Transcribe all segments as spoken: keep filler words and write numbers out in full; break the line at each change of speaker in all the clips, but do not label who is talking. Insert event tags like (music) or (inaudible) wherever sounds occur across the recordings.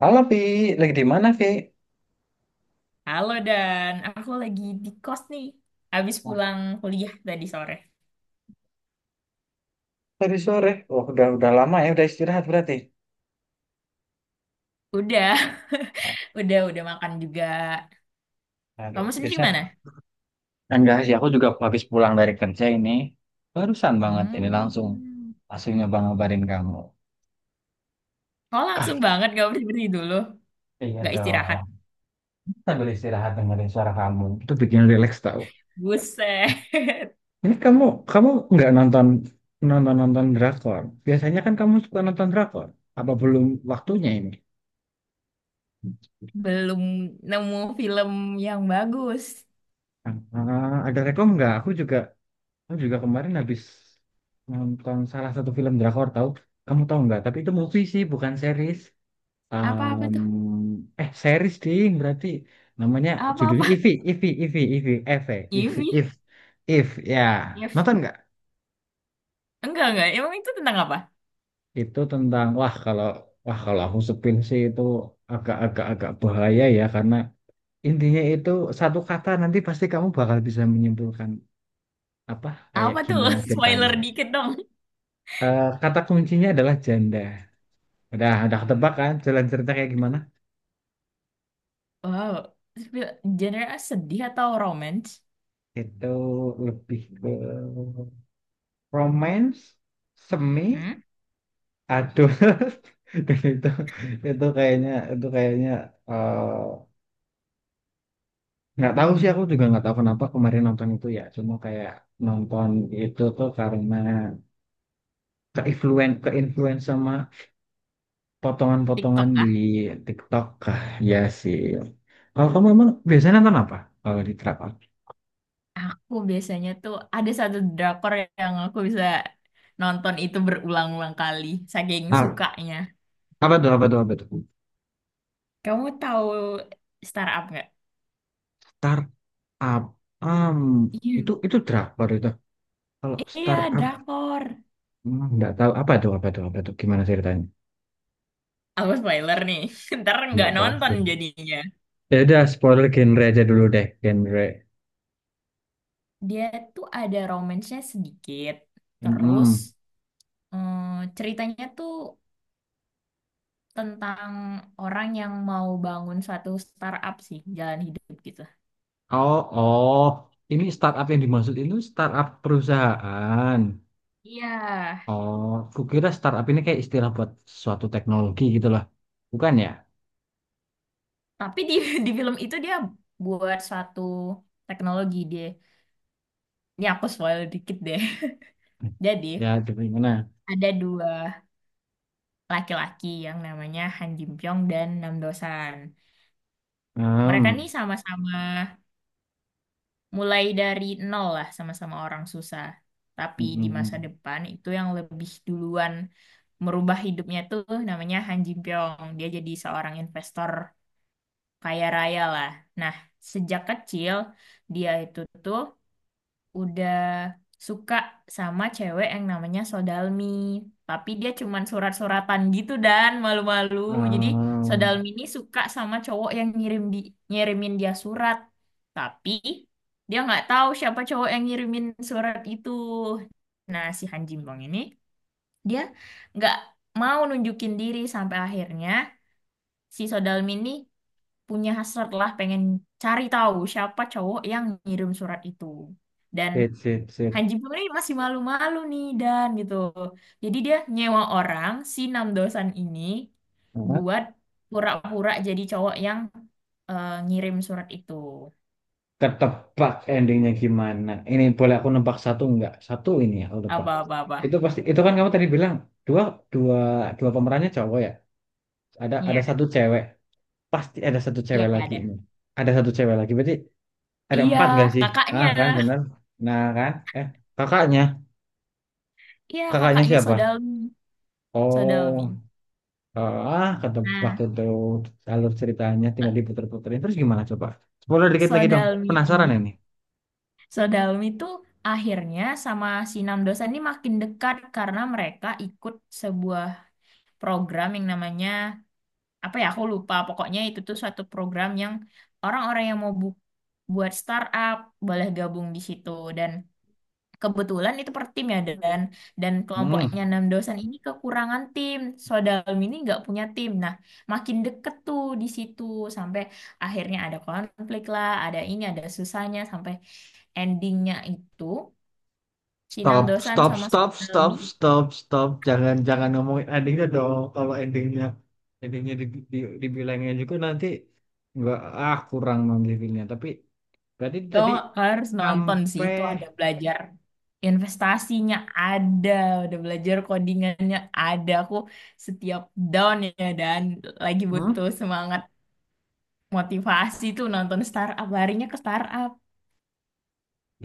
Halo Vi, lagi di mana Vi?
Halo Dan, aku lagi di kos nih. Habis
Wah,
pulang kuliah tadi sore.
tadi sore. Wah, udah udah lama ya, udah istirahat berarti.
Udah, (laughs) udah, udah makan juga.
Aduh,
Kamu sendiri mana?
biasa. Enggak sih, aku juga habis pulang dari kerja ini. Barusan banget ini langsung
Hmm.
langsung nyoba ngabarin kamu.
Oh,
Ah,
langsung banget gak berdiri dulu.
iya
Gak
dong.
istirahat.
Sambil istirahat dengerin suara kamu. Itu bikin relax tau.
Buset. (laughs)
Ini kamu kamu nggak nonton nonton nonton drakor. Biasanya kan kamu suka nonton drakor. Apa belum waktunya ini?
Belum nemu film yang bagus.
Ah, ada rekom nggak? Aku juga Aku juga kemarin habis nonton salah satu film drakor tahu. Kamu tahu nggak? Tapi itu movie sih, bukan series.
Apa-apa
Em,
tuh?
eh series ding berarti namanya judulnya
Apa-apa?
Ivy, Ivy, Ivy, Ivy, Eve, Ivy,
Givi?
If, If ya.
Giv?
Nonton nggak?
Enggak, enggak. Emang itu tentang apa?
Itu tentang wah kalau wah kalau aku sepil sih itu agak-agak agak bahaya ya, karena intinya itu satu kata nanti pasti kamu bakal bisa menyimpulkan apa kayak
Apa tuh?
gimana
(laughs)
ceritanya.
Spoiler dikit dong.
Eh, kata kuncinya adalah janda. Udah, udah ketebak kan jalan cerita kayak gimana?
Wow. Sp- Genre sedih atau romance?
Itu lebih ke romance, semi,
Hmm?
aduh. (laughs) Dan itu itu kayaknya itu kayaknya eh, nggak tahu sih, aku juga nggak tahu kenapa kemarin nonton itu ya. Cuma kayak nonton itu tuh karena keinfluen keinfluence sama potongan-potongan
TikTok
di
kah?
TikTok. Ah, ya sih. Kalau kamu emang biasanya nonton apa? Kalau di Trap Up?
Aku biasanya tuh ada satu drakor yang aku bisa nonton itu berulang-ulang kali, saking
Ah,
sukanya.
apa tuh apa tuh apa tuh?
Kamu tahu Startup nggak?
Tar Up, um,
Iya.
itu itu drakor itu. Kalau
Iya,
startup
drakor.
hmm, nggak tahu apa itu apa itu apa itu gimana ceritanya?
Aku spoiler nih, (laughs) ntar nggak
Nggak paham.
nonton jadinya.
Ya udah spoiler genre aja dulu deh, genre.
Dia tuh ada romance-nya sedikit, terus
Mm-mm.
mm, ceritanya tuh tentang orang yang mau bangun suatu startup sih, jalan hidup gitu.
Oh oh, ini startup yang dimaksud itu startup perusahaan.
Iya.
Oh, kukira startup ini kayak istilah buat suatu teknologi gitu lah. Bukan ya?
Tapi di (laughs) di film itu dia buat suatu teknologi dia. Ini aku spoil dikit deh. (laughs) Jadi
Ya, jadi gimana?
ada dua laki-laki yang namanya Han Jin Pyong dan Nam Dosan. Mereka
Hmm.
nih sama-sama mulai dari nol lah, sama-sama orang susah. Tapi di masa
Mm-mm.
depan itu yang lebih duluan merubah hidupnya tuh namanya Han Jin Pyong. Dia jadi seorang investor kaya raya lah. Nah, sejak kecil dia itu tuh udah suka sama cewek yang namanya Sodalmi. Tapi dia cuman surat-suratan gitu dan malu-malu.
Hmm.
Jadi
Hmm. Hmm.
Sodalmi ini suka sama cowok yang ngirim di ngirimin dia surat. Tapi dia nggak tahu siapa cowok yang ngirimin surat itu. Nah, si Han Jimbong ini dia nggak mau nunjukin diri sampai akhirnya si Sodalmi ini punya hasrat lah pengen cari tahu siapa cowok yang ngirim surat itu. Dan
Sip, sip, sip.
Hanji Pam ini masih malu-malu nih dan gitu. Jadi dia nyewa orang si Namdosan ini buat pura-pura jadi cowok yang eh, ngirim surat itu.
Ketebak endingnya gimana. Ini boleh aku nebak satu nggak, satu ini ya aku nebak.
Apa-apa-apa.
Itu pasti, itu kan kamu tadi bilang dua dua dua pemerannya cowok ya, ada ada
Iya,
satu cewek. Pasti ada satu
iya
cewek lagi
ada.
ini. Ada satu cewek lagi, berarti ada
Iya,
empat nggak sih?
kakaknya.
Ah, kan bener. Nah kan. eh kakaknya
Iya,
kakaknya
kakaknya
siapa?
Sodalmi.
Oh.
Sodalmi.
Ah, ketebak
Nah,
itu. Alur ceritanya tinggal diputer-puterin terus gimana coba. Spoiler dikit lagi dong,
Sodalmi
penasaran
ini,
ini.
Sodalmi tuh akhirnya sama si Namdosan ini makin dekat karena mereka ikut sebuah program yang namanya apa ya aku lupa, pokoknya itu tuh suatu program yang orang-orang yang mau bu- buat startup boleh gabung di situ. Dan kebetulan itu per tim ya, dan dan
Hmm.
kelompoknya enam dosen ini kekurangan tim. Sodalmi ini nggak punya tim, nah makin deket tuh di situ sampai akhirnya ada konflik lah, ada ini, ada susahnya sampai endingnya itu si enam
Stop,
dosen
stop,
sama
stop, stop,
Sodalmi.
stop, stop. Jangan, jangan ngomongin endingnya dong. Kalau endingnya, endingnya di, di, dibilangnya juga nanti nggak, ah kurang nanti filmnya. Tapi berarti tadi
Oh, harus nonton sih.
sampai,
Itu ada belajar investasinya ada, udah belajar codingannya ada. Aku setiap down ya, dan lagi
hmm?
butuh semangat motivasi tuh nonton startup. Larinya ke startup.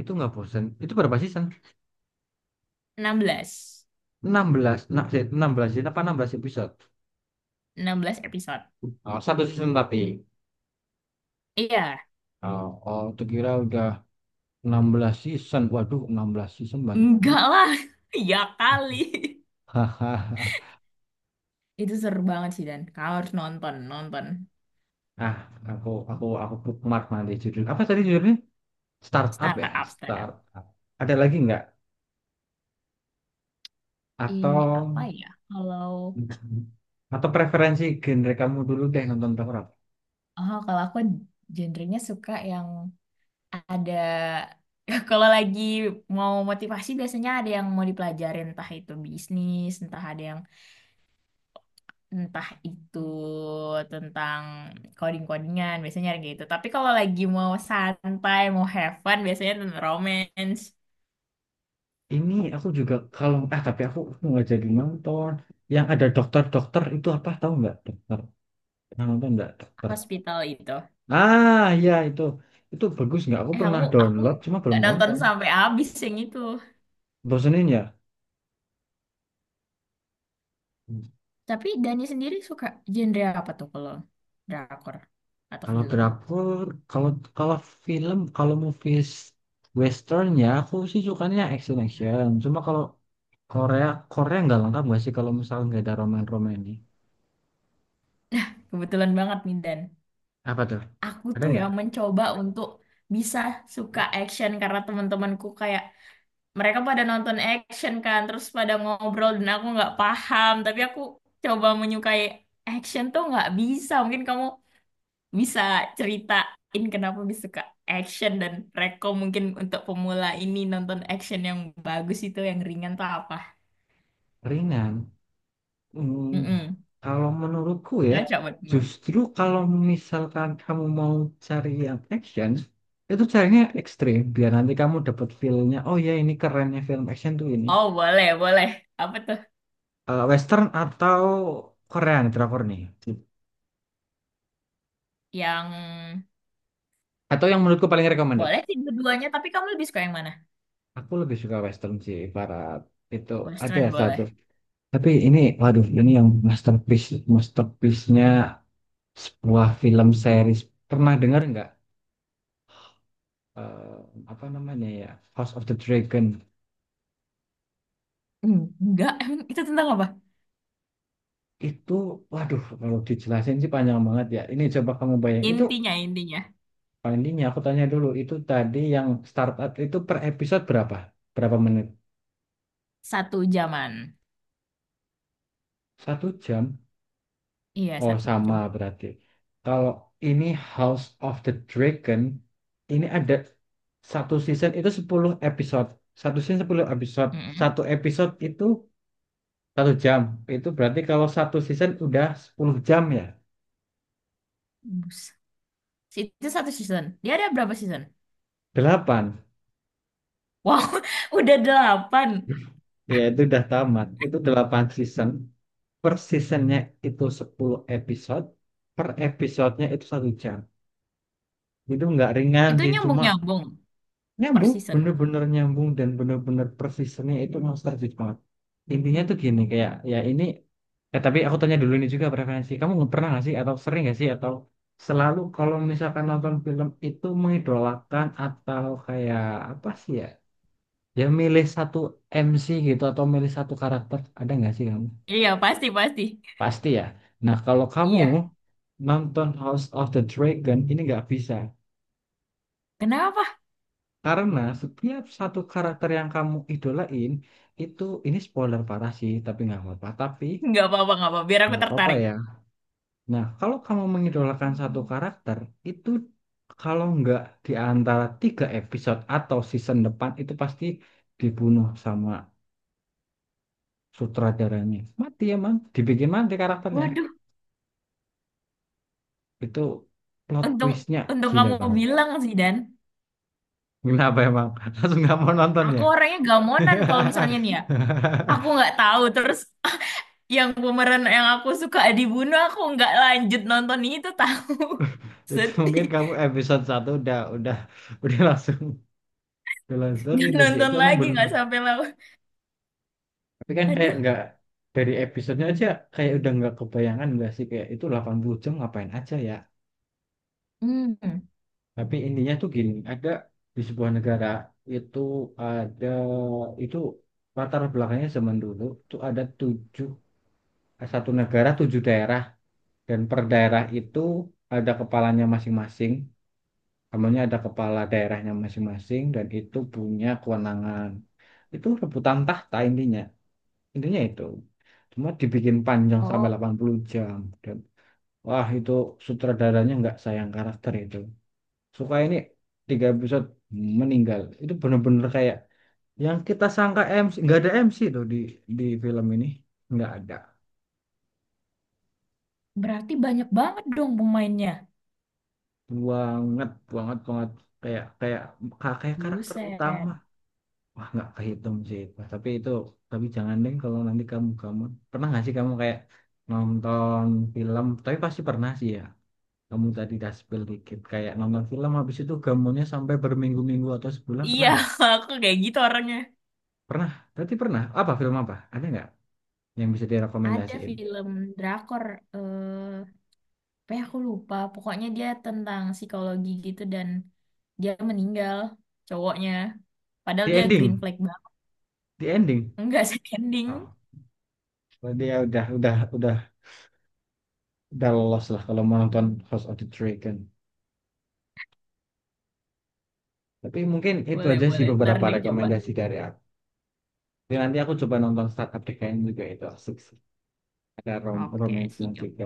Itu nggak bosan. Itu berapa season?
Enam belas.
enam belas, nah, sih, enam belas season apa enam belas episode?
Enam belas episode.
Oh, satu season tapi.
Iya,
Oh, oh, tuh kira udah enam belas season. Waduh, enam belas season banyak banget.
enggak lah. (laughs) Ya kali.
Hahaha.
Itu seru banget sih Dan. Kau harus nonton, nonton
Ah, aku aku aku bookmark nanti judul. Apa tadi judulnya? Startup ya,
startup, startup.
startup. Ada lagi nggak?
I apa
Atau
ya? Kalau
atau preferensi genre kamu dulu deh, nonton horor.
oh, kalau aku genrenya suka yang ada (laughs) kalau lagi mau motivasi biasanya ada yang mau dipelajarin, entah itu bisnis, entah ada yang entah itu tentang coding-codingan, biasanya kayak gitu. Tapi kalau lagi mau santai mau have fun biasanya tentang romance.
Ini aku juga kalau ah tapi aku nggak jadi nonton. Yang ada dokter-dokter itu apa, tahu nggak, dokter? Yang nonton nggak dokter?
Hospital itu
Ah ya, itu itu bagus nggak? Aku
eh
pernah
aku aku
download cuma
nggak
belum
nonton
nonton.
sampai habis yang itu.
Bosenin ya?
Tapi Dani sendiri suka genre apa tuh kalau drakor atau
Kalau
film?
drakor, kalau kalau film, kalau movies western ya aku sih sukanya action action. Cuma kalau Korea, Korea nggak lengkap nggak sih kalau misalnya nggak ada roman-roman ini?
Kebetulan banget nih Dan,
Apa tuh?
aku
Ada
tuh ya
nggak?
mencoba untuk bisa suka action karena teman-temanku kayak mereka pada nonton action kan, terus pada ngobrol dan aku nggak paham. Tapi aku coba menyukai action tuh nggak bisa. Mungkin kamu bisa ceritain kenapa bisa suka action, dan rekom mungkin untuk pemula ini nonton action yang bagus itu yang ringan tuh apa.
Ringan. Hmm,
Mm-mm.
kalau menurutku ya,
Cocok buat pemula.
justru kalau misalkan kamu mau cari yang action, itu carinya ekstrim. Biar nanti kamu dapat feel-nya, oh ya ini kerennya film action tuh ini.
Oh, boleh boleh. Apa tuh
Eh, western atau Korean drakor nih.
yang
Atau yang menurutku paling recommended.
boleh sih keduanya, tapi kamu lebih suka yang mana?
Aku lebih suka western sih, barat. Itu ada
Western
satu.
boleh.
Tapi ini, waduh, ini yang masterpiece, masterpiece-nya sebuah film series. Pernah dengar nggak? Eh, apa namanya ya? House of the Dragon.
Hmm. Enggak, emang itu tentang apa?
Itu, waduh, kalau dijelasin sih panjang banget ya. Ini coba kamu bayang. Itu,
Intinya, intinya.
paling ini aku tanya dulu. Itu tadi yang startup itu per episode berapa? Berapa menit?
Satu jaman.
Satu jam?
Iya,
Oh,
satu
sama
jam.
berarti. Kalau ini House of the Dragon, ini ada satu season itu sepuluh episode. Satu season sepuluh episode.
Mm-mm.
Satu episode itu satu jam. Itu berarti kalau satu season udah sepuluh jam ya.
Bus. Si- Itu satu season. Dia ada berapa season?
Delapan.
Wow, (laughs) udah delapan.
Ya, itu udah tamat. Itu delapan season. Per seasonnya itu sepuluh episode. Per episodenya itu satu jam. Itu nggak ringan
Itu
sih, cuma
nyambung-nyambung per
nyambung,
season.
bener-bener nyambung dan bener-bener persisnya itu nostalgic banget. Intinya tuh gini kayak, ya ini eh tapi aku tanya dulu. Ini juga preferensi kamu, nggak pernah nggak sih atau sering nggak sih atau selalu kalau misalkan nonton film itu mengidolakan atau kayak apa sih ya, ya milih satu M C gitu atau milih satu karakter, ada nggak sih kamu?
Iya, pasti, pasti.
Pasti ya. Nah, kalau kamu
Iya.
nonton House of the Dragon ini nggak bisa.
Kenapa?
Karena setiap satu karakter yang kamu idolain itu, ini spoiler parah sih, tapi nggak apa-apa. Tapi
Nggak apa-apa, nggak apa-apa. Biar aku
nggak apa-apa
tertarik.
ya. Nah, kalau kamu mengidolakan satu karakter itu, kalau nggak di antara tiga episode atau season depan itu pasti dibunuh sama sutradaranya. Mati emang, dibikin mati karakternya.
Waduh,
Itu plot
untung
twistnya
untung
gila
kamu
banget.
bilang sih, Dan.
Kenapa emang? (laughs) Langsung nggak mau nonton
Aku
ya?
orangnya gamonan kalau misalnya nih ya. Aku
(laughs)
nggak tahu, terus (laughs) yang pemeran yang aku suka dibunuh aku nggak lanjut nonton itu tahu.
(laughs)
(laughs)
Itu
Sedih.
mungkin kamu episode satu udah udah (laughs) udah langsung udah langsung. Tapi
Nggak
itu sih
nonton
itu emang
lagi
belum.
nggak sampai lawan.
Tapi kan kayak
Aduh.
nggak, dari episodenya aja kayak udah nggak kebayangan nggak sih, kayak itu delapan puluh jam ngapain aja ya.
Hmm.
Tapi intinya tuh gini, ada di sebuah negara itu, ada itu latar belakangnya zaman dulu tuh ada tujuh, satu negara tujuh daerah, dan per daerah itu ada kepalanya masing-masing. Namanya ada kepala daerahnya masing-masing dan itu punya kewenangan. Itu rebutan tahta intinya. Intinya itu. Cuma dibikin panjang sampai
Oh,
delapan puluh jam. Dan wah, itu sutradaranya nggak sayang karakter itu. Suka ini tiga episode meninggal. Itu bener-bener kayak yang kita sangka M C. Nggak ada M C tuh di, di film ini. Nggak ada.
berarti banyak banget dong pemainnya.
Banget, banget, banget. Kayak kayak kayak karakter
Buset.
utama. Wah, nggak kehitung sih itu. Tapi itu, tapi jangan deh kalau nanti kamu kamu pernah nggak sih kamu kayak nonton film? Tapi pasti pernah sih ya. Kamu tadi udah spill dikit kayak nonton film habis itu gambarnya sampai berminggu-minggu atau sebulan, pernah
Iya,
nggak?
(laughs) aku kayak gitu orangnya.
Pernah. Berarti pernah. Apa film, apa? Ada nggak yang bisa
Ada
direkomendasiin?
film drakor eh apa ya aku lupa, pokoknya dia tentang psikologi gitu, dan dia meninggal cowoknya padahal
The
dia green
Ending.
flag banget.
The Ending.
Enggak (laughs) sih ending.
Oh, berarti ya udah udah udah udah lolos lah kalau mau nonton House of the Dragon. Tapi mungkin itu
Boleh
aja sih
boleh ntar
beberapa
deh coba.
rekomendasi dari aku. Jadi nanti aku coba nonton Startup Decline juga, itu asik ada rom
Oke,
romansnya
sih.
juga.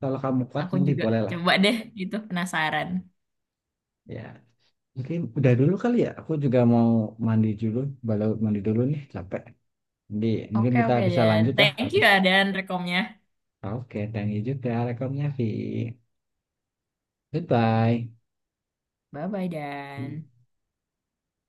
Kalau kamu kuat
Aku
nanti
juga
bolehlah.
coba deh gitu penasaran.
Ya mungkin udah dulu kali ya, aku juga mau mandi dulu. Baru mandi dulu nih, capek. Jadi mungkin
Oke
kita
oke
bisa
Dan.
lanjut ya
Thank you
habis.
ya Dan rekomnya.
Oke, thank you juga rekomnya Vi. Goodbye.
Bye bye Dan.